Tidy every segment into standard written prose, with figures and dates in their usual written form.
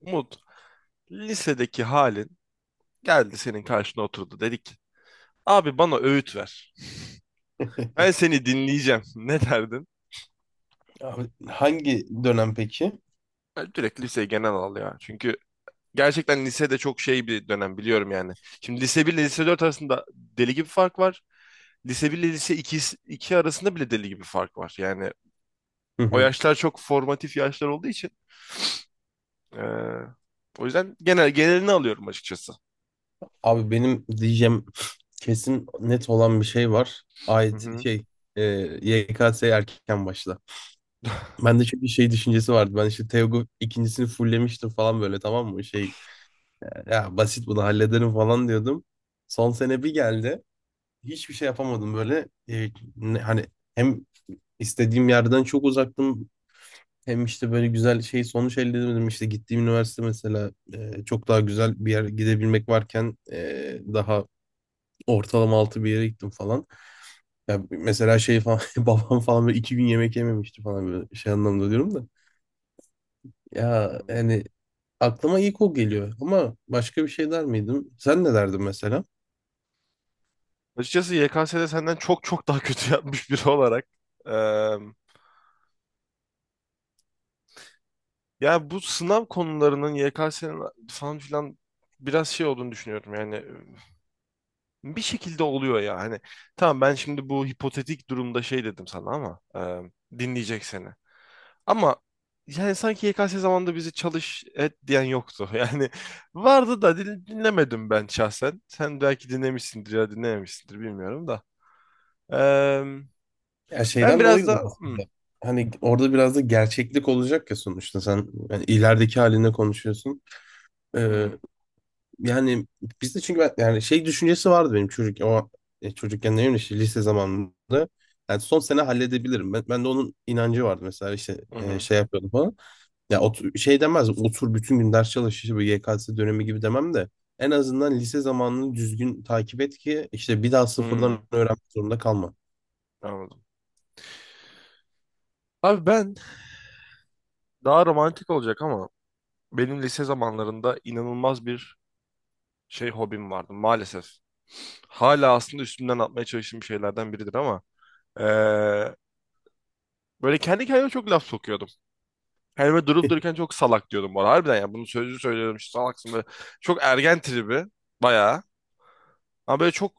Umut, lisedeki halin geldi senin karşına oturdu. Dedik ki, abi bana öğüt ver. Ben seni dinleyeceğim. Ne derdin? Abi hangi dönem peki? Ben direkt liseyi genel al ya. Çünkü gerçekten lisede çok şey bir dönem biliyorum yani. Şimdi lise 1 ile lise 4 arasında deli gibi fark var. Lise 1 ile lise 2 2 arasında bile deli gibi fark var. Yani Hı o hı. yaşlar çok formatif yaşlar olduğu için. eee, o yüzden genel genelini alıyorum açıkçası. Abi benim diyeceğim kesin net olan bir şey var. Hı Ait hı. şey e, YKS erken başla. Ben de çünkü şey düşüncesi vardı. Ben işte Teogu ikincisini fulllemiştim falan böyle, tamam mı? Şey, ya basit bunu hallederim falan diyordum. Son sene bir geldi. Hiçbir şey yapamadım böyle. Hani hem istediğim yerden çok uzaktım. Hem işte böyle güzel şey sonuç elde edemedim. İşte gittiğim üniversite mesela çok daha güzel bir yer gidebilmek varken daha ortalama altı bir yere gittim falan. Ya mesela şey falan babam falan böyle iki gün yemek yememişti falan böyle şey anlamda diyorum da. Ya hani aklıma ilk o geliyor ama başka bir şey der miydim? Sen ne derdin mesela? Açıkçası YKS'de senden çok çok daha kötü yapmış biri olarak. Ya bu sınav konularının YKS'nin falan filan biraz şey olduğunu düşünüyorum yani bir şekilde oluyor ya hani tamam ben şimdi bu hipotetik durumda şey dedim sana ama dinleyecek seni, ama yani sanki YKS zamanında bizi çalış et diyen yoktu, yani vardı da dinlemedim ben şahsen. Sen belki dinlemişsindir ya dinlememişsindir, bilmiyorum da. E, Ya ben şeyden biraz da dolayıdır hı, aslında. Hani orada biraz da gerçeklik olacak ya, sonuçta sen yani ilerideki haline konuşuyorsun. Ee, hı, Yani bizde çünkü ben, yani şey düşüncesi vardı benim çocuk o çocukken ne bileyim işte lise zamanında. Yani son sene halledebilirim. Ben de onun inancı vardı mesela işte hı, hı, şey yapıyordum falan. Ya otur, şey demez, otur bütün gün ders çalış işte bu YKS dönemi gibi demem de en azından lise zamanını düzgün takip et ki işte bir daha hı. sıfırdan öğrenmek zorunda kalma. Anladım abi, ben daha romantik olacak ama benim lise zamanlarında inanılmaz bir şey hobim vardı maalesef. Hala aslında üstümden atmaya çalıştığım şeylerden biridir ama eee, böyle kendi kendime çok laf sokuyordum. Kendime durup dururken çok salak diyordum bu arada. Harbiden yani, bunu sözlü söylüyorum işte, salaksın böyle. Çok ergen tribi bayağı. Ama böyle çok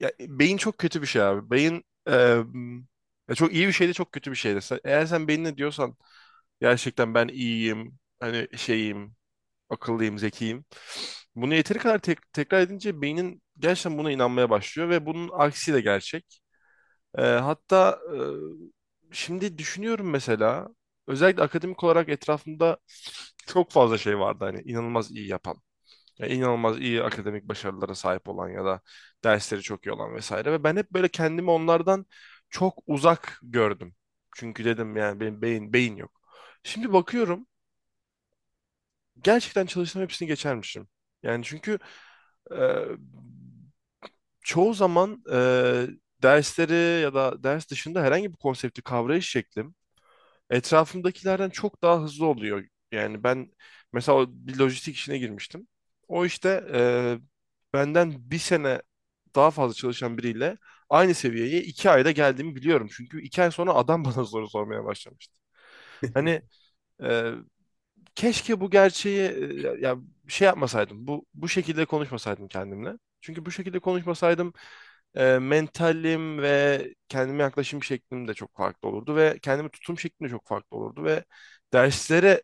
ya, beyin çok kötü bir şey abi. Beyin, ya çok iyi bir şey de, çok kötü bir şey de. Eğer sen beynine diyorsan gerçekten ben iyiyim, hani şeyim, akıllıyım, zekiyim. Bunu yeteri kadar tekrar edince beynin gerçekten buna inanmaya başlıyor, ve bunun aksi de gerçek. Hatta şimdi düşünüyorum mesela, özellikle akademik olarak etrafımda çok fazla şey vardı, hani inanılmaz iyi yapan. Yani inanılmaz iyi akademik başarılara sahip olan ya da dersleri çok iyi olan vesaire, ve ben hep böyle kendimi onlardan çok uzak gördüm. Çünkü dedim yani benim beyin beyin yok. Şimdi bakıyorum, gerçekten çalışsam hepsini geçermişim. Yani çünkü e, çoğu zaman dersleri ya da ders dışında herhangi bir konsepti kavrayış şeklim etrafımdakilerden çok daha hızlı oluyor. Yani ben mesela o bir lojistik işine girmiştim. O işte benden bir sene daha fazla çalışan biriyle aynı seviyeye iki ayda geldiğimi biliyorum. Çünkü iki ay sonra adam bana soru sormaya başlamıştı. Hani e, Keşke bu gerçeği, ya, şey yapmasaydım. Bu şekilde konuşmasaydım kendimle. Çünkü bu şekilde konuşmasaydım mentalim ve kendime yaklaşım şeklim de çok farklı olurdu, ve kendime tutum şeklim de çok farklı olurdu, ve derslere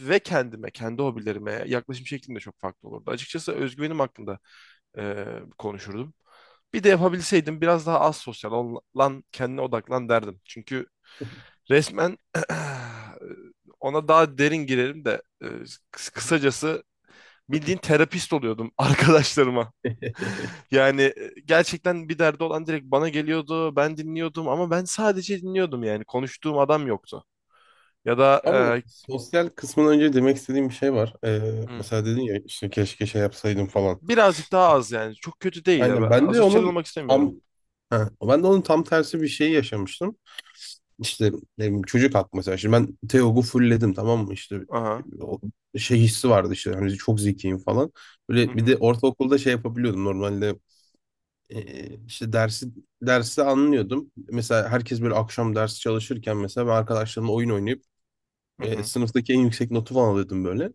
ve kendime, kendi hobilerime yaklaşım şeklim de çok farklı olurdu. Açıkçası özgüvenim hakkında e, konuşurdum. Bir de yapabilseydim biraz daha az sosyal lan kendine odaklan derdim. Çünkü resmen ona daha derin girerim de, kısacası bildiğin terapist oluyordum arkadaşlarıma. Yani gerçekten bir derdi olan direkt bana geliyordu. Ben dinliyordum, ama ben sadece dinliyordum yani. Konuştuğum adam yoktu. Ya da Abi bu sosyal kısmından önce demek istediğim bir şey var. E, hı, Mesela dedin ya işte keşke şey yapsaydım falan. birazcık daha az yani. Çok kötü değil ya. Aynen, Ben asosyal olmak istemiyorum. tam ha, ben de onun tam tersi bir şeyi yaşamıştım. İşte ne bileyim, çocuk haklı mesela. Şimdi ben Teog'u fullledim, tamam mı? İşte Aha. o şey hissi vardı işte hani çok zekiyim falan. Hı Böyle bir de hı. ortaokulda şey yapabiliyordum normalde, işte dersi anlıyordum. Mesela herkes böyle akşam ders çalışırken mesela ben arkadaşlarımla oyun oynayıp Hı hı. sınıftaki en yüksek notu falan alıyordum böyle.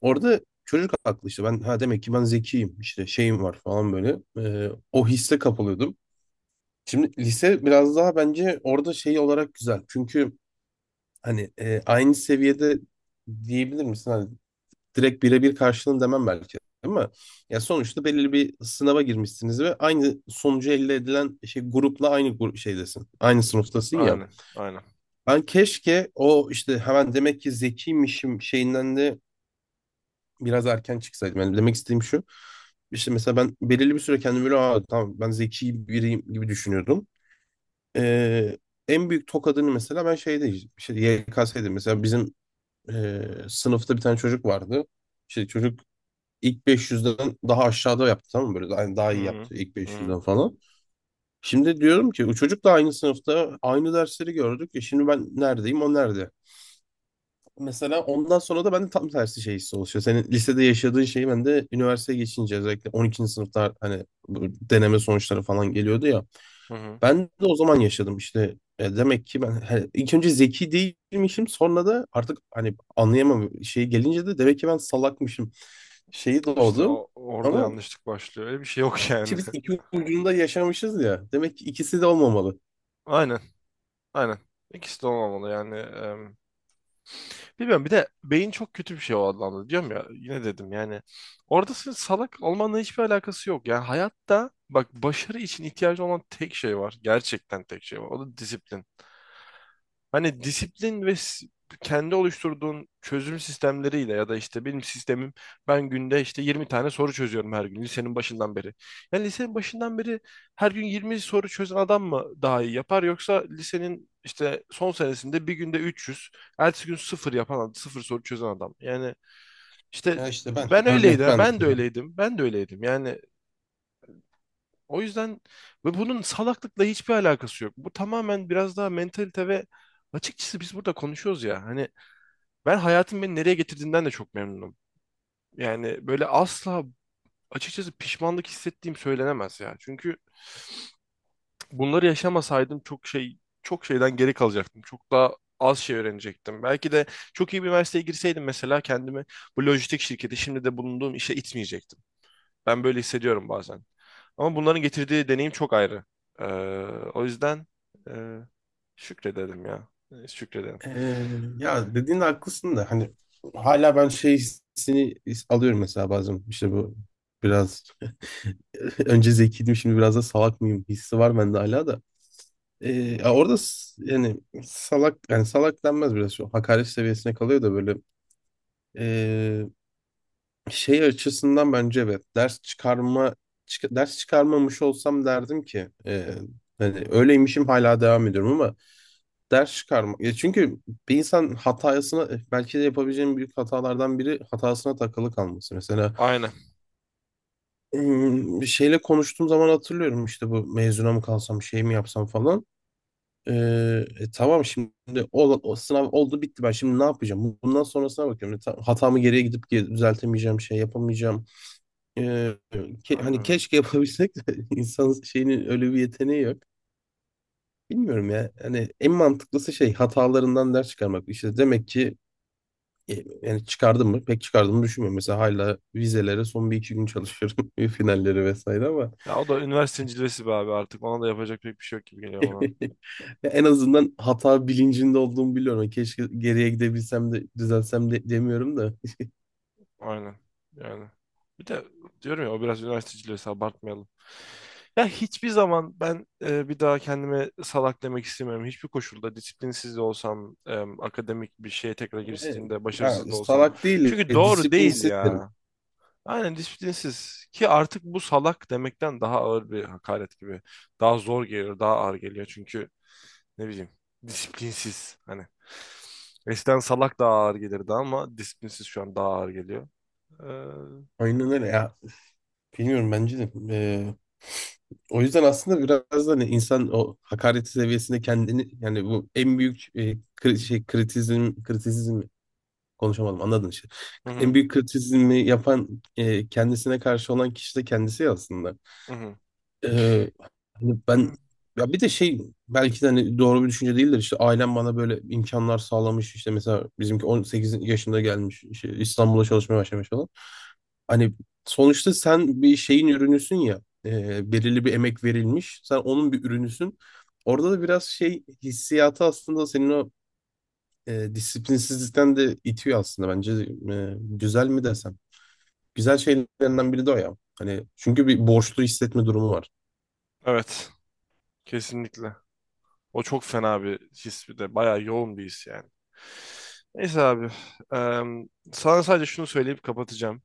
Orada çocuk haklı, işte ben ha demek ki ben zekiyim işte şeyim var falan böyle. O hisse kapılıyordum. Şimdi lise biraz daha bence orada şey olarak güzel. Çünkü hani aynı seviyede diyebilir misin? Hani direkt birebir karşılığını demem belki ama ya sonuçta belirli bir sınava girmişsiniz ve aynı sonucu elde edilen şey grupla aynı grup şeydesin. Aynı sınıftasın ya. Aynen. Aynen. Ben keşke o işte hemen demek ki zekiymişim şeyinden de biraz erken çıksaydım. Yani demek istediğim şu. İşte mesela ben belirli bir süre kendimi böyle, aa, tamam ben zeki biriyim gibi düşünüyordum. Ee, En büyük tokadını mesela ben şeyde işte YKS'de, mesela bizim e, sınıfta bir tane çocuk vardı. İşte çocuk ilk 500'den daha aşağıda yaptı, tamam mı? Böyle daha Hı iyi hı. yaptı ilk Hı hı. 500'den falan. Şimdi diyorum ki o çocuk da aynı sınıfta aynı dersleri gördük. Şimdi ben neredeyim, o nerede? Mesela ondan sonra da bende tam tersi şey hissi oluşuyor. Senin lisede yaşadığın şeyi ben de üniversiteye geçince özellikle 12. sınıfta hani bu deneme sonuçları falan geliyordu ya. Hı hı. Ben de o zaman yaşadım işte. Demek ki ben ilk önce zeki değilmişim, sonra da artık hani anlayamam şey gelince de demek ki ben salakmışım şeyi İşte doğdu. Orada Ama yanlışlık başlıyor. Öyle bir şey yok yani. işte biz iki ucunda yaşamışız ya. Demek ki ikisi de olmamalı. Aynen. Aynen. İkisi de olmamalı yani. Bilmiyorum. Bir de beyin çok kötü bir şey o anlamda. Diyorum ya, yine dedim yani. Orada senin salak olmanla hiçbir alakası yok. Yani hayatta bak, başarı için ihtiyacı olan tek şey var. Gerçekten tek şey var. O da disiplin. Hani disiplin ve kendi oluşturduğun çözüm sistemleriyle, ya da işte benim sistemim, ben günde işte 20 tane soru çözüyorum her gün, lisenin başından beri. Yani lisenin başından beri her gün 20 soru çözen adam mı daha iyi yapar, yoksa lisenin işte son senesinde bir günde 300, ertesi gün sıfır yapan, sıfır soru çözen adam? Yani işte Ya işte ben ben örnek öyleydim, ben ben de mesela. öyleydim, ben de öyleydim. Yani o yüzden, ve bunun salaklıkla hiçbir alakası yok. Bu tamamen biraz daha mentalite ve açıkçası biz burada konuşuyoruz ya. Hani ben hayatın beni nereye getirdiğinden de çok memnunum. Yani böyle asla, açıkçası pişmanlık hissettiğim söylenemez ya. Çünkü bunları yaşamasaydım çok şey, çok şeyden geri kalacaktım. Çok daha az şey öğrenecektim. Belki de çok iyi bir üniversiteye girseydim mesela, kendimi bu lojistik şirketi, şimdi de bulunduğum işe itmeyecektim. Ben böyle hissediyorum bazen. Ama bunların getirdiği deneyim çok ayrı. Ee, o yüzden e, şükredelim ya. Şükredelim. Ee, Ya dediğin de haklısın da hani hala ben şey hissini alıyorum mesela bazen işte bu biraz önce zekiydim, şimdi biraz da salak mıyım hissi var bende hala da. Hmm, Yani salak, yani salak denmez, biraz şu hakaret seviyesine kalıyor da, böyle ee, şey açısından bence evet, ders çıkarma ders çıkarmamış olsam derdim ki hani öyleymişim hala devam ediyorum, ama ders çıkarma ya, çünkü bir insan hatasına, belki de yapabileceğim büyük hatalardan biri hatasına takılı kalması mesela, aynen. Bir şeyle konuştuğum zaman hatırlıyorum işte bu mezuna mı kalsam şey mi yapsam falan. Ee, tamam şimdi o sınav oldu bitti, ben şimdi ne yapacağım? Bundan sonrasına bakıyorum. Hatamı geriye gidip düzeltemeyeceğim şey yapamayacağım. Ee, Aynen. Hani Öyle. keşke yapabilsek de insanın şeyinin öyle bir yeteneği yok. Bilmiyorum ya. Hani en mantıklısı şey hatalarından ders çıkarmak. İşte demek ki e, yani çıkardım mı? Pek çıkardığımı düşünmüyorum. Mesela hala vizelere son bir iki gün çalışıyorum. Finalleri vesaire ama Ya o da üniversitenin cilvesi be abi, artık. Ona da yapacak pek bir şey yok gibi geliyor bana. ya en azından hata bilincinde olduğumu biliyorum. Keşke geriye gidebilsem de düzelsem de demiyorum da. Aynen. Yani. Bir de diyorum ya, o biraz üniversite cilvesi, abartmayalım. Ya hiçbir zaman ben bir daha kendime salak demek istemiyorum. Hiçbir koşulda, disiplinsiz de olsam, akademik bir şeye tekrar E, giriştiğimde Ya başarısız da olsam. salak değil, Çünkü doğru değil disiplinsiz derim. ya. Aynen, disiplinsiz ki artık bu salak demekten daha ağır bir hakaret gibi. Daha zor geliyor, daha ağır geliyor, çünkü ne bileyim, disiplinsiz hani. Eskiden salak daha ağır gelirdi ama disiplinsiz şu an daha ağır geliyor. Hı Aynen öyle ya. Bilmiyorum, bence de. O yüzden aslında biraz da hani insan o hakaret seviyesinde kendini yani bu en büyük şey kritizm kritizm konuşamadım, anladın işte. En hı, büyük kritizmi yapan kendisine karşı olan kişi de kendisi ya aslında. hı hı. Ee, Hani ben, ya bir de şey belki de hani doğru bir düşünce değildir işte, ailem bana böyle imkanlar sağlamış işte, mesela bizimki 18 yaşında gelmiş işte İstanbul'a çalışmaya başlamış falan. Hani sonuçta sen bir şeyin ürünüsün ya, belirli bir emek verilmiş, sen onun bir ürünüsün. Orada da biraz şey hissiyatı aslında senin o disiplinsizlikten de itiyor aslında bence. Güzel mi desem? Güzel şeylerinden biri de o ya. Hani çünkü bir borçlu hissetme durumu var. Evet, kesinlikle. O çok fena bir his, bir de bayağı yoğun bir his yani. Neyse abi. eee, Sana sadece şunu söyleyip kapatacağım.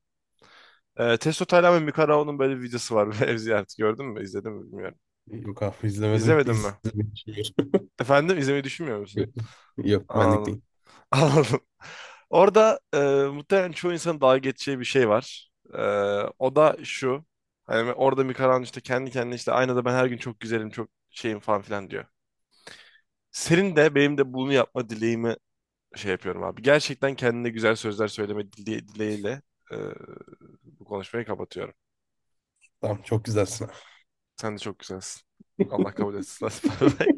Testo Taylan ve Mikarao'nun böyle bir videosu var. Ev ziyareti, gördün mü? İzledin mi bilmiyorum. Yok abi, izlemedim. İzlemedin mi? İzlemek için. Efendim, izlemeyi düşünmüyor musun? Yok, benlik Anladım. değil. Anladım. Orada muhtemelen çoğu insanın dalga geçeceği bir şey var. O da şu. Hani orada Mikaran işte kendi kendine, işte aynada, "Ben her gün çok güzelim, çok şeyim," falan filan diyor. Senin de benim de bunu yapma dileğimi şey yapıyorum abi. Gerçekten kendine güzel sözler söyleme dileğiyle e, bu konuşmayı kapatıyorum. Tamam, çok güzelsin Sen de çok güzelsin. Allah kabul etsin. Bye bye.